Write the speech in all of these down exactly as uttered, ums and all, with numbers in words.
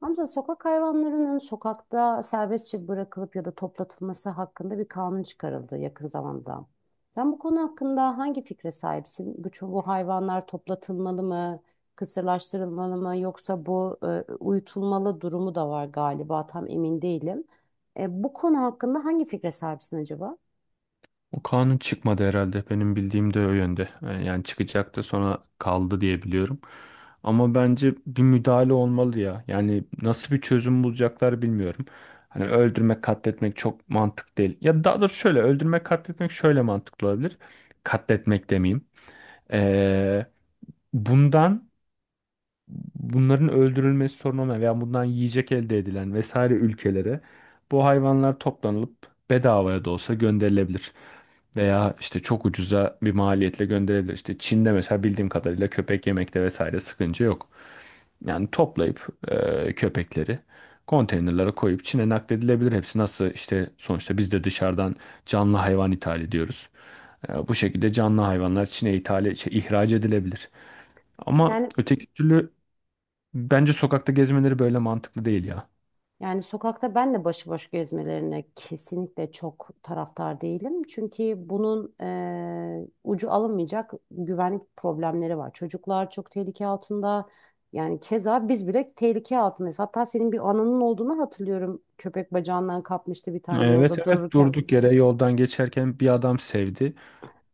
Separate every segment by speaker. Speaker 1: Hamza, sokak hayvanlarının sokakta serbestçe bırakılıp ya da toplatılması hakkında bir kanun çıkarıldı yakın zamanda. Sen bu konu hakkında hangi fikre sahipsin? Bu, ço- bu hayvanlar toplatılmalı mı, kısırlaştırılmalı mı, yoksa bu e, uyutulmalı durumu da var galiba, tam emin değilim. E, bu konu hakkında hangi fikre sahipsin acaba?
Speaker 2: O kanun çıkmadı herhalde. Benim bildiğim de o yönde. E, Yani çıkacaktı sonra kaldı diye biliyorum. Ama bence bir müdahale olmalı ya. Yani nasıl bir çözüm bulacaklar bilmiyorum. Hani öldürmek, katletmek çok mantık değil. Ya daha doğrusu şöyle öldürmek, katletmek şöyle mantıklı olabilir. Katletmek demeyeyim. Ee, bundan bunların öldürülmesi sorun olmayan veya bundan yiyecek elde edilen vesaire ülkelere bu hayvanlar toplanılıp bedavaya da olsa gönderilebilir. Veya işte çok ucuza bir maliyetle gönderilebilir. İşte Çin'de mesela bildiğim kadarıyla köpek yemekte vesaire sıkıntı yok. Yani toplayıp e, köpekleri konteynerlara koyup Çin'e nakledilebilir. Hepsi nasıl işte sonuçta biz de dışarıdan canlı hayvan ithal ediyoruz. E, bu şekilde canlı hayvanlar Çin'e ithal, şey, ihraç edilebilir. Ama
Speaker 1: Yani
Speaker 2: öteki türlü bence sokakta gezmeleri böyle mantıklı değil ya.
Speaker 1: Yani sokakta ben de başıboş gezmelerine kesinlikle çok taraftar değilim. Çünkü bunun eee, ucu alınmayacak güvenlik problemleri var. Çocuklar çok tehlike altında. Yani keza biz bile tehlike altındayız. Hatta senin bir anının olduğunu hatırlıyorum. Köpek bacağından kapmıştı bir tane
Speaker 2: Evet
Speaker 1: yolda
Speaker 2: evet
Speaker 1: dururken.
Speaker 2: durduk yere yoldan geçerken bir adam sevdi.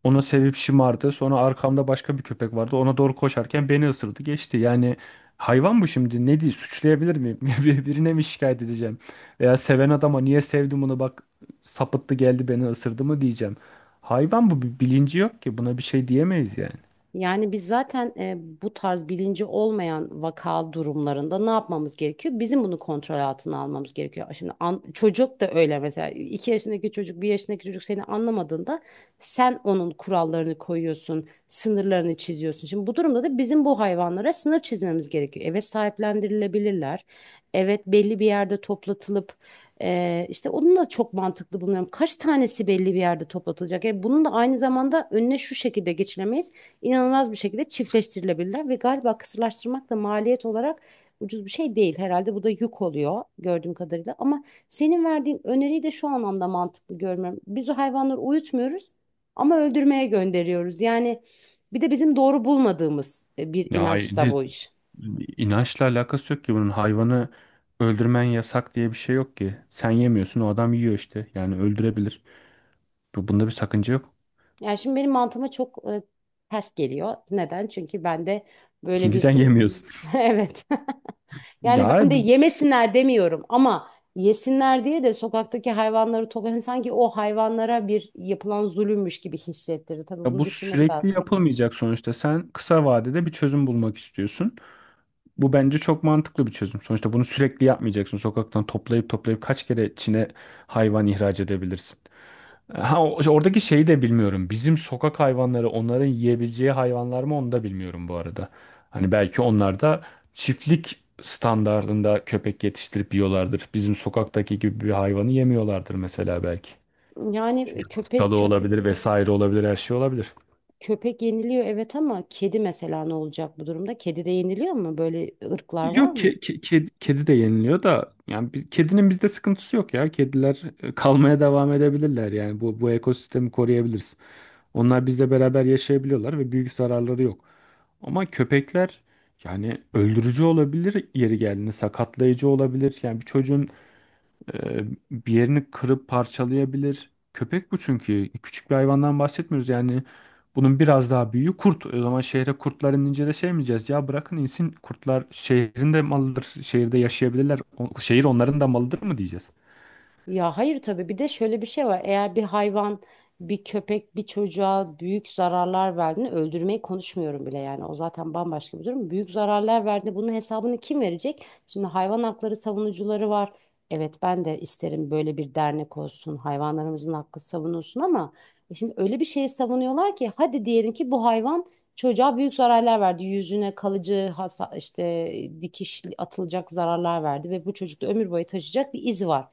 Speaker 2: Ona sevip şımardı. Sonra arkamda başka bir köpek vardı. Ona doğru koşarken beni ısırdı geçti. Yani hayvan bu, şimdi ne diye suçlayabilir miyim? Bir- Birine mi şikayet edeceğim? Veya seven adama niye sevdim bunu bak sapıttı geldi beni ısırdı mı diyeceğim? Hayvan bu, bir bilinci yok ki, buna bir şey diyemeyiz yani.
Speaker 1: Yani biz zaten e, bu tarz bilinci olmayan vaka durumlarında ne yapmamız gerekiyor? Bizim bunu kontrol altına almamız gerekiyor. Şimdi an- çocuk da öyle mesela, iki yaşındaki çocuk, bir yaşındaki çocuk seni anlamadığında sen onun kurallarını koyuyorsun, sınırlarını çiziyorsun. Şimdi bu durumda da bizim bu hayvanlara sınır çizmemiz gerekiyor. Evet, sahiplendirilebilirler. Evet, belli bir yerde toplatılıp e, işte onu da çok mantıklı buluyorum. Kaç tanesi belli bir yerde toplatılacak? E, bunun da aynı zamanda önüne şu şekilde geçilemeyiz, inanılmaz bir şekilde çiftleştirilebilirler ve galiba kısırlaştırmak da maliyet olarak ucuz bir şey değil. Herhalde bu da yük oluyor gördüğüm kadarıyla. Ama senin verdiğin öneriyi de şu anlamda mantıklı görmüyorum. Biz o hayvanları uyutmuyoruz ama öldürmeye gönderiyoruz. Yani bir de bizim doğru bulmadığımız e, bir
Speaker 2: Ya hay-
Speaker 1: inanç da
Speaker 2: de,
Speaker 1: bu iş.
Speaker 2: inançla alakası yok ki bunun. Hayvanı öldürmen yasak diye bir şey yok ki. Sen yemiyorsun, o adam yiyor işte. Yani öldürebilir. Bu- Bunda bir sakınca yok.
Speaker 1: Yani şimdi benim mantığıma çok e, ters geliyor. Neden? Çünkü ben de böyle
Speaker 2: Çünkü
Speaker 1: bir
Speaker 2: sen yemiyorsun.
Speaker 1: evet Yani ben
Speaker 2: Ya
Speaker 1: de
Speaker 2: bu,
Speaker 1: yemesinler demiyorum ama yesinler diye de sokaktaki hayvanları topla, yani sanki o hayvanlara bir yapılan zulümmüş gibi hissettirir. Tabii
Speaker 2: ya
Speaker 1: bunu
Speaker 2: bu
Speaker 1: düşünmek
Speaker 2: sürekli
Speaker 1: lazım.
Speaker 2: yapılmayacak sonuçta. Sen kısa vadede bir çözüm bulmak istiyorsun. Bu bence çok mantıklı bir çözüm. Sonuçta bunu sürekli yapmayacaksın. Sokaktan toplayıp toplayıp kaç kere Çin'e hayvan ihraç edebilirsin? Ha, o- oradaki şeyi de bilmiyorum. Bizim sokak hayvanları onların yiyebileceği hayvanlar mı onu da bilmiyorum bu arada. Hani belki onlar da çiftlik standardında köpek yetiştirip yiyorlardır. Bizim sokaktaki gibi bir hayvanı yemiyorlardır mesela belki.
Speaker 1: Yani
Speaker 2: Hastalığı
Speaker 1: köpek
Speaker 2: olabilir vesaire, olabilir her şey olabilir.
Speaker 1: köpek yeniliyor evet, ama kedi mesela ne olacak bu durumda? Kedi de yeniliyor mu? Böyle ırklar var
Speaker 2: Yok
Speaker 1: mı?
Speaker 2: ke- kedi, kedi de yeniliyor da yani bir, kedinin bizde sıkıntısı yok ya. Kediler e, kalmaya devam edebilirler, yani bu bu ekosistemi koruyabiliriz. Onlar bizle beraber yaşayabiliyorlar ve büyük zararları yok. Ama köpekler yani öldürücü olabilir, yeri geldiğinde sakatlayıcı olabilir. Yani bir çocuğun ee, bir yerini kırıp parçalayabilir. Köpek bu çünkü. Küçük bir hayvandan bahsetmiyoruz. Yani bunun biraz daha büyüğü kurt. O zaman şehre kurtlar inince de şey mi diyeceğiz? Ya bırakın insin kurtlar, şehrin de malıdır. Şehirde yaşayabilirler. O- şehir onların da malıdır mı diyeceğiz?
Speaker 1: Ya hayır, tabii bir de şöyle bir şey var. Eğer bir hayvan, bir köpek, bir çocuğa büyük zararlar verdiğinde, öldürmeyi konuşmuyorum bile yani. O zaten bambaşka bir durum. Büyük zararlar verdiğinde bunun hesabını kim verecek? Şimdi hayvan hakları savunucuları var. Evet, ben de isterim böyle bir dernek olsun. Hayvanlarımızın hakkı savunulsun ama e şimdi öyle bir şeyi savunuyorlar ki, hadi diyelim ki bu hayvan çocuğa büyük zararlar verdi. Yüzüne kalıcı hasa, işte dikiş atılacak zararlar verdi ve bu çocukta ömür boyu taşıyacak bir iz var.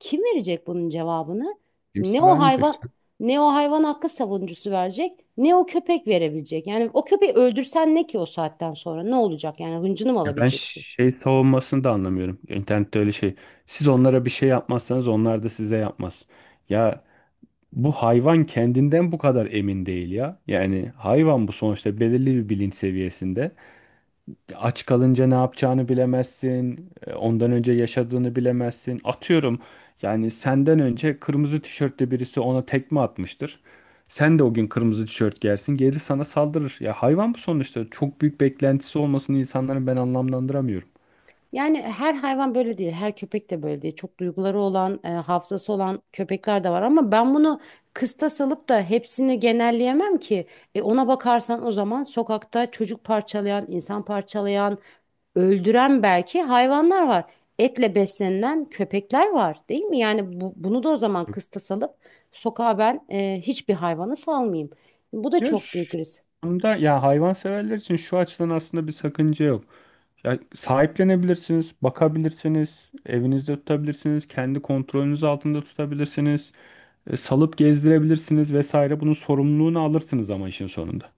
Speaker 1: Kim verecek bunun cevabını?
Speaker 2: Kimse
Speaker 1: Ne o
Speaker 2: vermeyecek
Speaker 1: hayvan,
Speaker 2: canım.
Speaker 1: ne o hayvan hakkı savunucusu verecek, ne o köpek verebilecek. Yani o köpeği öldürsen ne ki, o saatten sonra ne olacak? Yani hıncını mı
Speaker 2: Ya ben
Speaker 1: alabileceksin?
Speaker 2: şey savunmasını da anlamıyorum. İnternette öyle şey. Siz onlara bir şey yapmazsanız onlar da size yapmaz. Ya bu hayvan kendinden bu kadar emin değil ya. Yani hayvan bu sonuçta, belirli bir bilinç seviyesinde. Aç kalınca ne yapacağını bilemezsin. e, Ondan önce yaşadığını bilemezsin. Atıyorum, yani senden önce kırmızı tişörtlü birisi ona tekme atmıştır. Sen de o gün kırmızı tişört giyersin. Geri sana saldırır. Ya hayvan bu sonuçta. Çok büyük beklentisi olmasını insanların ben anlamlandıramıyorum.
Speaker 1: Yani her hayvan böyle değil, her köpek de böyle değil. Çok duyguları olan, e, hafızası olan köpekler de var, ama ben bunu kıstas alıp da hepsini genelleyemem ki. E, ona bakarsan, o zaman sokakta çocuk parçalayan, insan parçalayan, öldüren belki hayvanlar var. Etle beslenilen köpekler var, değil mi? Yani bu, bunu da o zaman kıstas alıp sokağa ben e, hiçbir hayvanı salmayayım. Bu da
Speaker 2: Ya
Speaker 1: çok
Speaker 2: şu
Speaker 1: büyük risk.
Speaker 2: anda ya hayvanseverler için şu açıdan aslında bir sakınca yok. Ya sahiplenebilirsiniz, bakabilirsiniz, evinizde tutabilirsiniz, kendi kontrolünüz altında tutabilirsiniz, e, salıp gezdirebilirsiniz vesaire. Bunun sorumluluğunu alırsınız ama işin sonunda.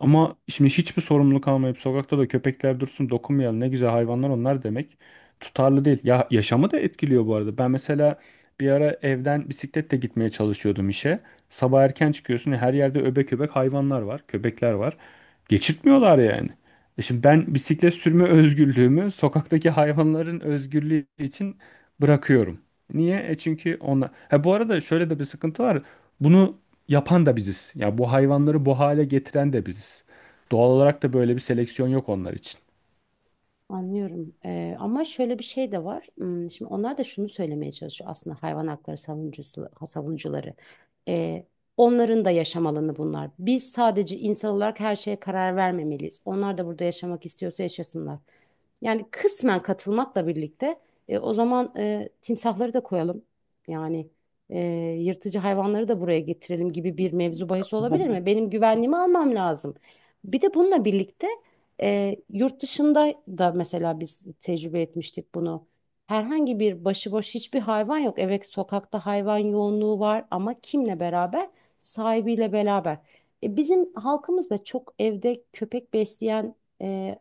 Speaker 2: Ama şimdi hiçbir sorumluluk almayıp sokakta da köpekler dursun, dokunmayalım ne güzel hayvanlar onlar demek tutarlı değil. Ya yaşamı da etkiliyor bu arada. Ben mesela bir ara evden bisikletle gitmeye çalışıyordum işe. Sabah erken çıkıyorsun, her yerde öbek öbek hayvanlar var, köpekler var. Geçirtmiyorlar yani. E şimdi ben bisiklet sürme özgürlüğümü sokaktaki hayvanların özgürlüğü için bırakıyorum. Niye? E çünkü onlar. Ha, bu arada şöyle de bir sıkıntı var. Bunu yapan da biziz. Ya bu hayvanları bu hale getiren de biziz. Doğal olarak da böyle bir seleksiyon yok onlar için.
Speaker 1: Anlıyorum. E, ama şöyle bir şey de var. Hmm, şimdi onlar da şunu söylemeye çalışıyor aslında, hayvan hakları savunucusu, savunucuları. E, onların da yaşam alanı bunlar. Biz sadece insan olarak her şeye karar vermemeliyiz. Onlar da burada yaşamak istiyorsa yaşasınlar. Yani kısmen katılmakla birlikte, e, o zaman e, timsahları da koyalım. Yani e, yırtıcı hayvanları da buraya getirelim gibi bir mevzu bahis olabilir
Speaker 2: Bu, bu
Speaker 1: mi? Benim güvenliğimi almam lazım. Bir de bununla birlikte e, yurt dışında da mesela biz tecrübe etmiştik bunu. Herhangi bir başıboş hiçbir hayvan yok. Evet, sokakta hayvan yoğunluğu var ama kimle beraber? Sahibiyle beraber. E, bizim halkımız da çok evde köpek besleyen e,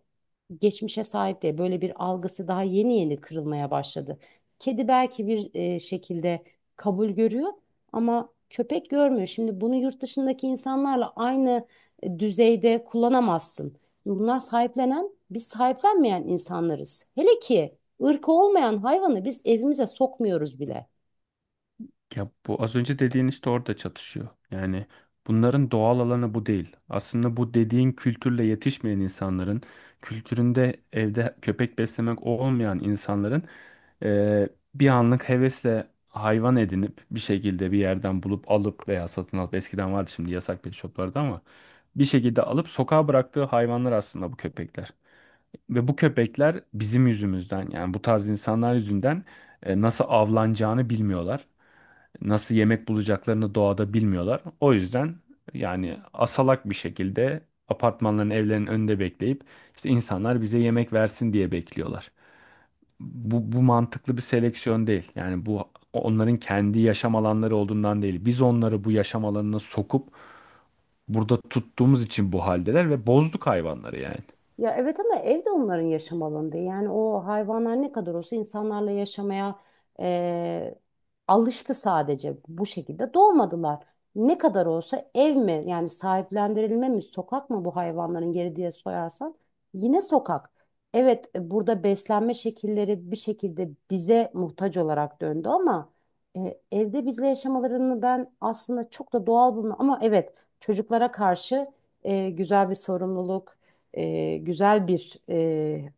Speaker 1: geçmişe sahip diye böyle bir algısı daha yeni yeni kırılmaya başladı. Kedi belki bir e, şekilde kabul görüyor ama köpek görmüyor. Şimdi bunu yurt dışındaki insanlarla aynı e, düzeyde kullanamazsın. Bunlar sahiplenen, biz sahiplenmeyen insanlarız. Hele ki ırkı olmayan hayvanı biz evimize sokmuyoruz bile.
Speaker 2: Ya bu az önce dediğin işte orada çatışıyor. Yani bunların doğal alanı bu değil. Aslında bu dediğin kültürle yetişmeyen insanların, kültüründe evde köpek beslemek olmayan insanların eee, bir anlık hevesle hayvan edinip bir şekilde bir yerden bulup alıp veya satın alıp, eskiden vardı şimdi yasak pet shoplarda, ama bir şekilde alıp sokağa bıraktığı hayvanlar aslında bu köpekler. Ve bu köpekler bizim yüzümüzden, yani bu tarz insanlar yüzünden, e, nasıl avlanacağını bilmiyorlar. Nasıl yemek bulacaklarını doğada bilmiyorlar. O yüzden yani asalak bir şekilde apartmanların, evlerinin önünde bekleyip işte insanlar bize yemek versin diye bekliyorlar. Bu, bu mantıklı bir seleksiyon değil. Yani bu onların kendi yaşam alanları olduğundan değil. Biz onları bu yaşam alanına sokup burada tuttuğumuz için bu haldeler ve bozduk hayvanları yani.
Speaker 1: Ya evet, ama ev de onların yaşam alanı değil. Yani o hayvanlar ne kadar olsa insanlarla yaşamaya eee, alıştı, sadece bu şekilde doğmadılar. Ne kadar olsa ev mi, yani sahiplendirilme mi, sokak mı bu hayvanların geri diye sorarsan, yine sokak. Evet, e, burada beslenme şekilleri bir şekilde bize muhtaç olarak döndü, ama e, evde bizle yaşamalarını ben aslında çok da doğal bulmuyorum. Ama evet, çocuklara karşı e, güzel bir sorumluluk, e, güzel bir e,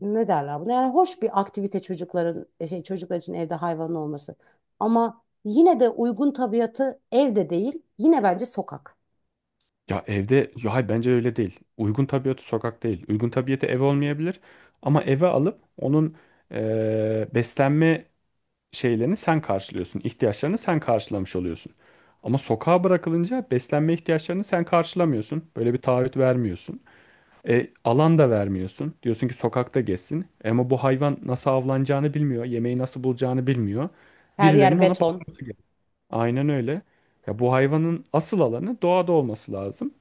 Speaker 1: ne derler buna? Yani hoş bir aktivite çocukların, e, şey çocuklar için evde hayvanın olması. Ama yine de uygun tabiatı evde değil, yine bence sokak.
Speaker 2: Ya evde, ya hayır bence öyle değil. Uygun tabiatı sokak değil. Uygun tabiatı ev olmayabilir. Ama eve alıp onun eee, beslenme şeylerini sen karşılıyorsun. İhtiyaçlarını sen karşılamış oluyorsun. Ama sokağa bırakılınca beslenme ihtiyaçlarını sen karşılamıyorsun. Böyle bir taahhüt vermiyorsun. E, alan da vermiyorsun. Diyorsun ki sokakta gezsin. Ama bu hayvan nasıl avlanacağını bilmiyor. Yemeği nasıl bulacağını bilmiyor.
Speaker 1: Her yer
Speaker 2: Birilerinin ona
Speaker 1: beton.
Speaker 2: bakması. Aynen öyle. Ya bu hayvanın asıl alanı doğada olması lazım.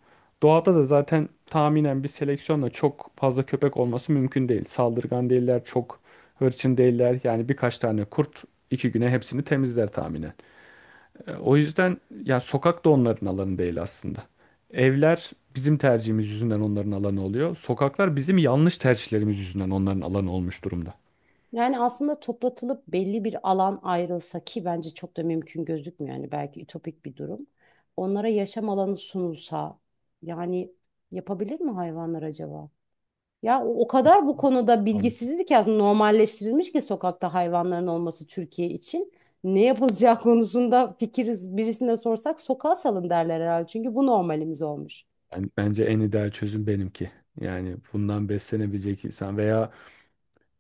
Speaker 2: Doğada da zaten tahminen bir seleksiyonla çok fazla köpek olması mümkün değil. Saldırgan değiller, çok hırçın değiller. Yani birkaç tane kurt iki güne hepsini temizler tahminen. E, o yüzden ya sokak da onların alanı değil aslında. Evler bizim tercihimiz yüzünden onların alanı oluyor. Sokaklar bizim yanlış tercihlerimiz yüzünden onların alanı olmuş durumda.
Speaker 1: Yani aslında toplatılıp belli bir alan ayrılsa, ki bence çok da mümkün gözükmüyor, yani belki ütopik bir durum. Onlara yaşam alanı sunulsa, yani yapabilir mi hayvanlar acaba? Ya o, o kadar bu konuda
Speaker 2: Ama
Speaker 1: bilgisizlik aslında normalleştirilmiş ki sokakta hayvanların olması Türkiye için. Ne yapılacağı konusunda fikiriz, birisine sorsak sokağa salın derler herhalde. Çünkü bu normalimiz olmuş.
Speaker 2: ben- bence en ideal çözüm benimki. Yani bundan beslenebilecek insan veya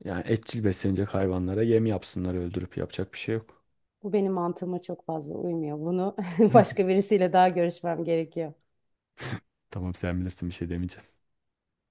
Speaker 2: yani etçil beslenecek hayvanlara yem yapsınlar, öldürüp yapacak bir şey yok.
Speaker 1: Bu benim mantığıma çok fazla uymuyor. Bunu başka birisiyle daha görüşmem gerekiyor.
Speaker 2: Tamam, sen bilirsin, bir şey demeyeceğim.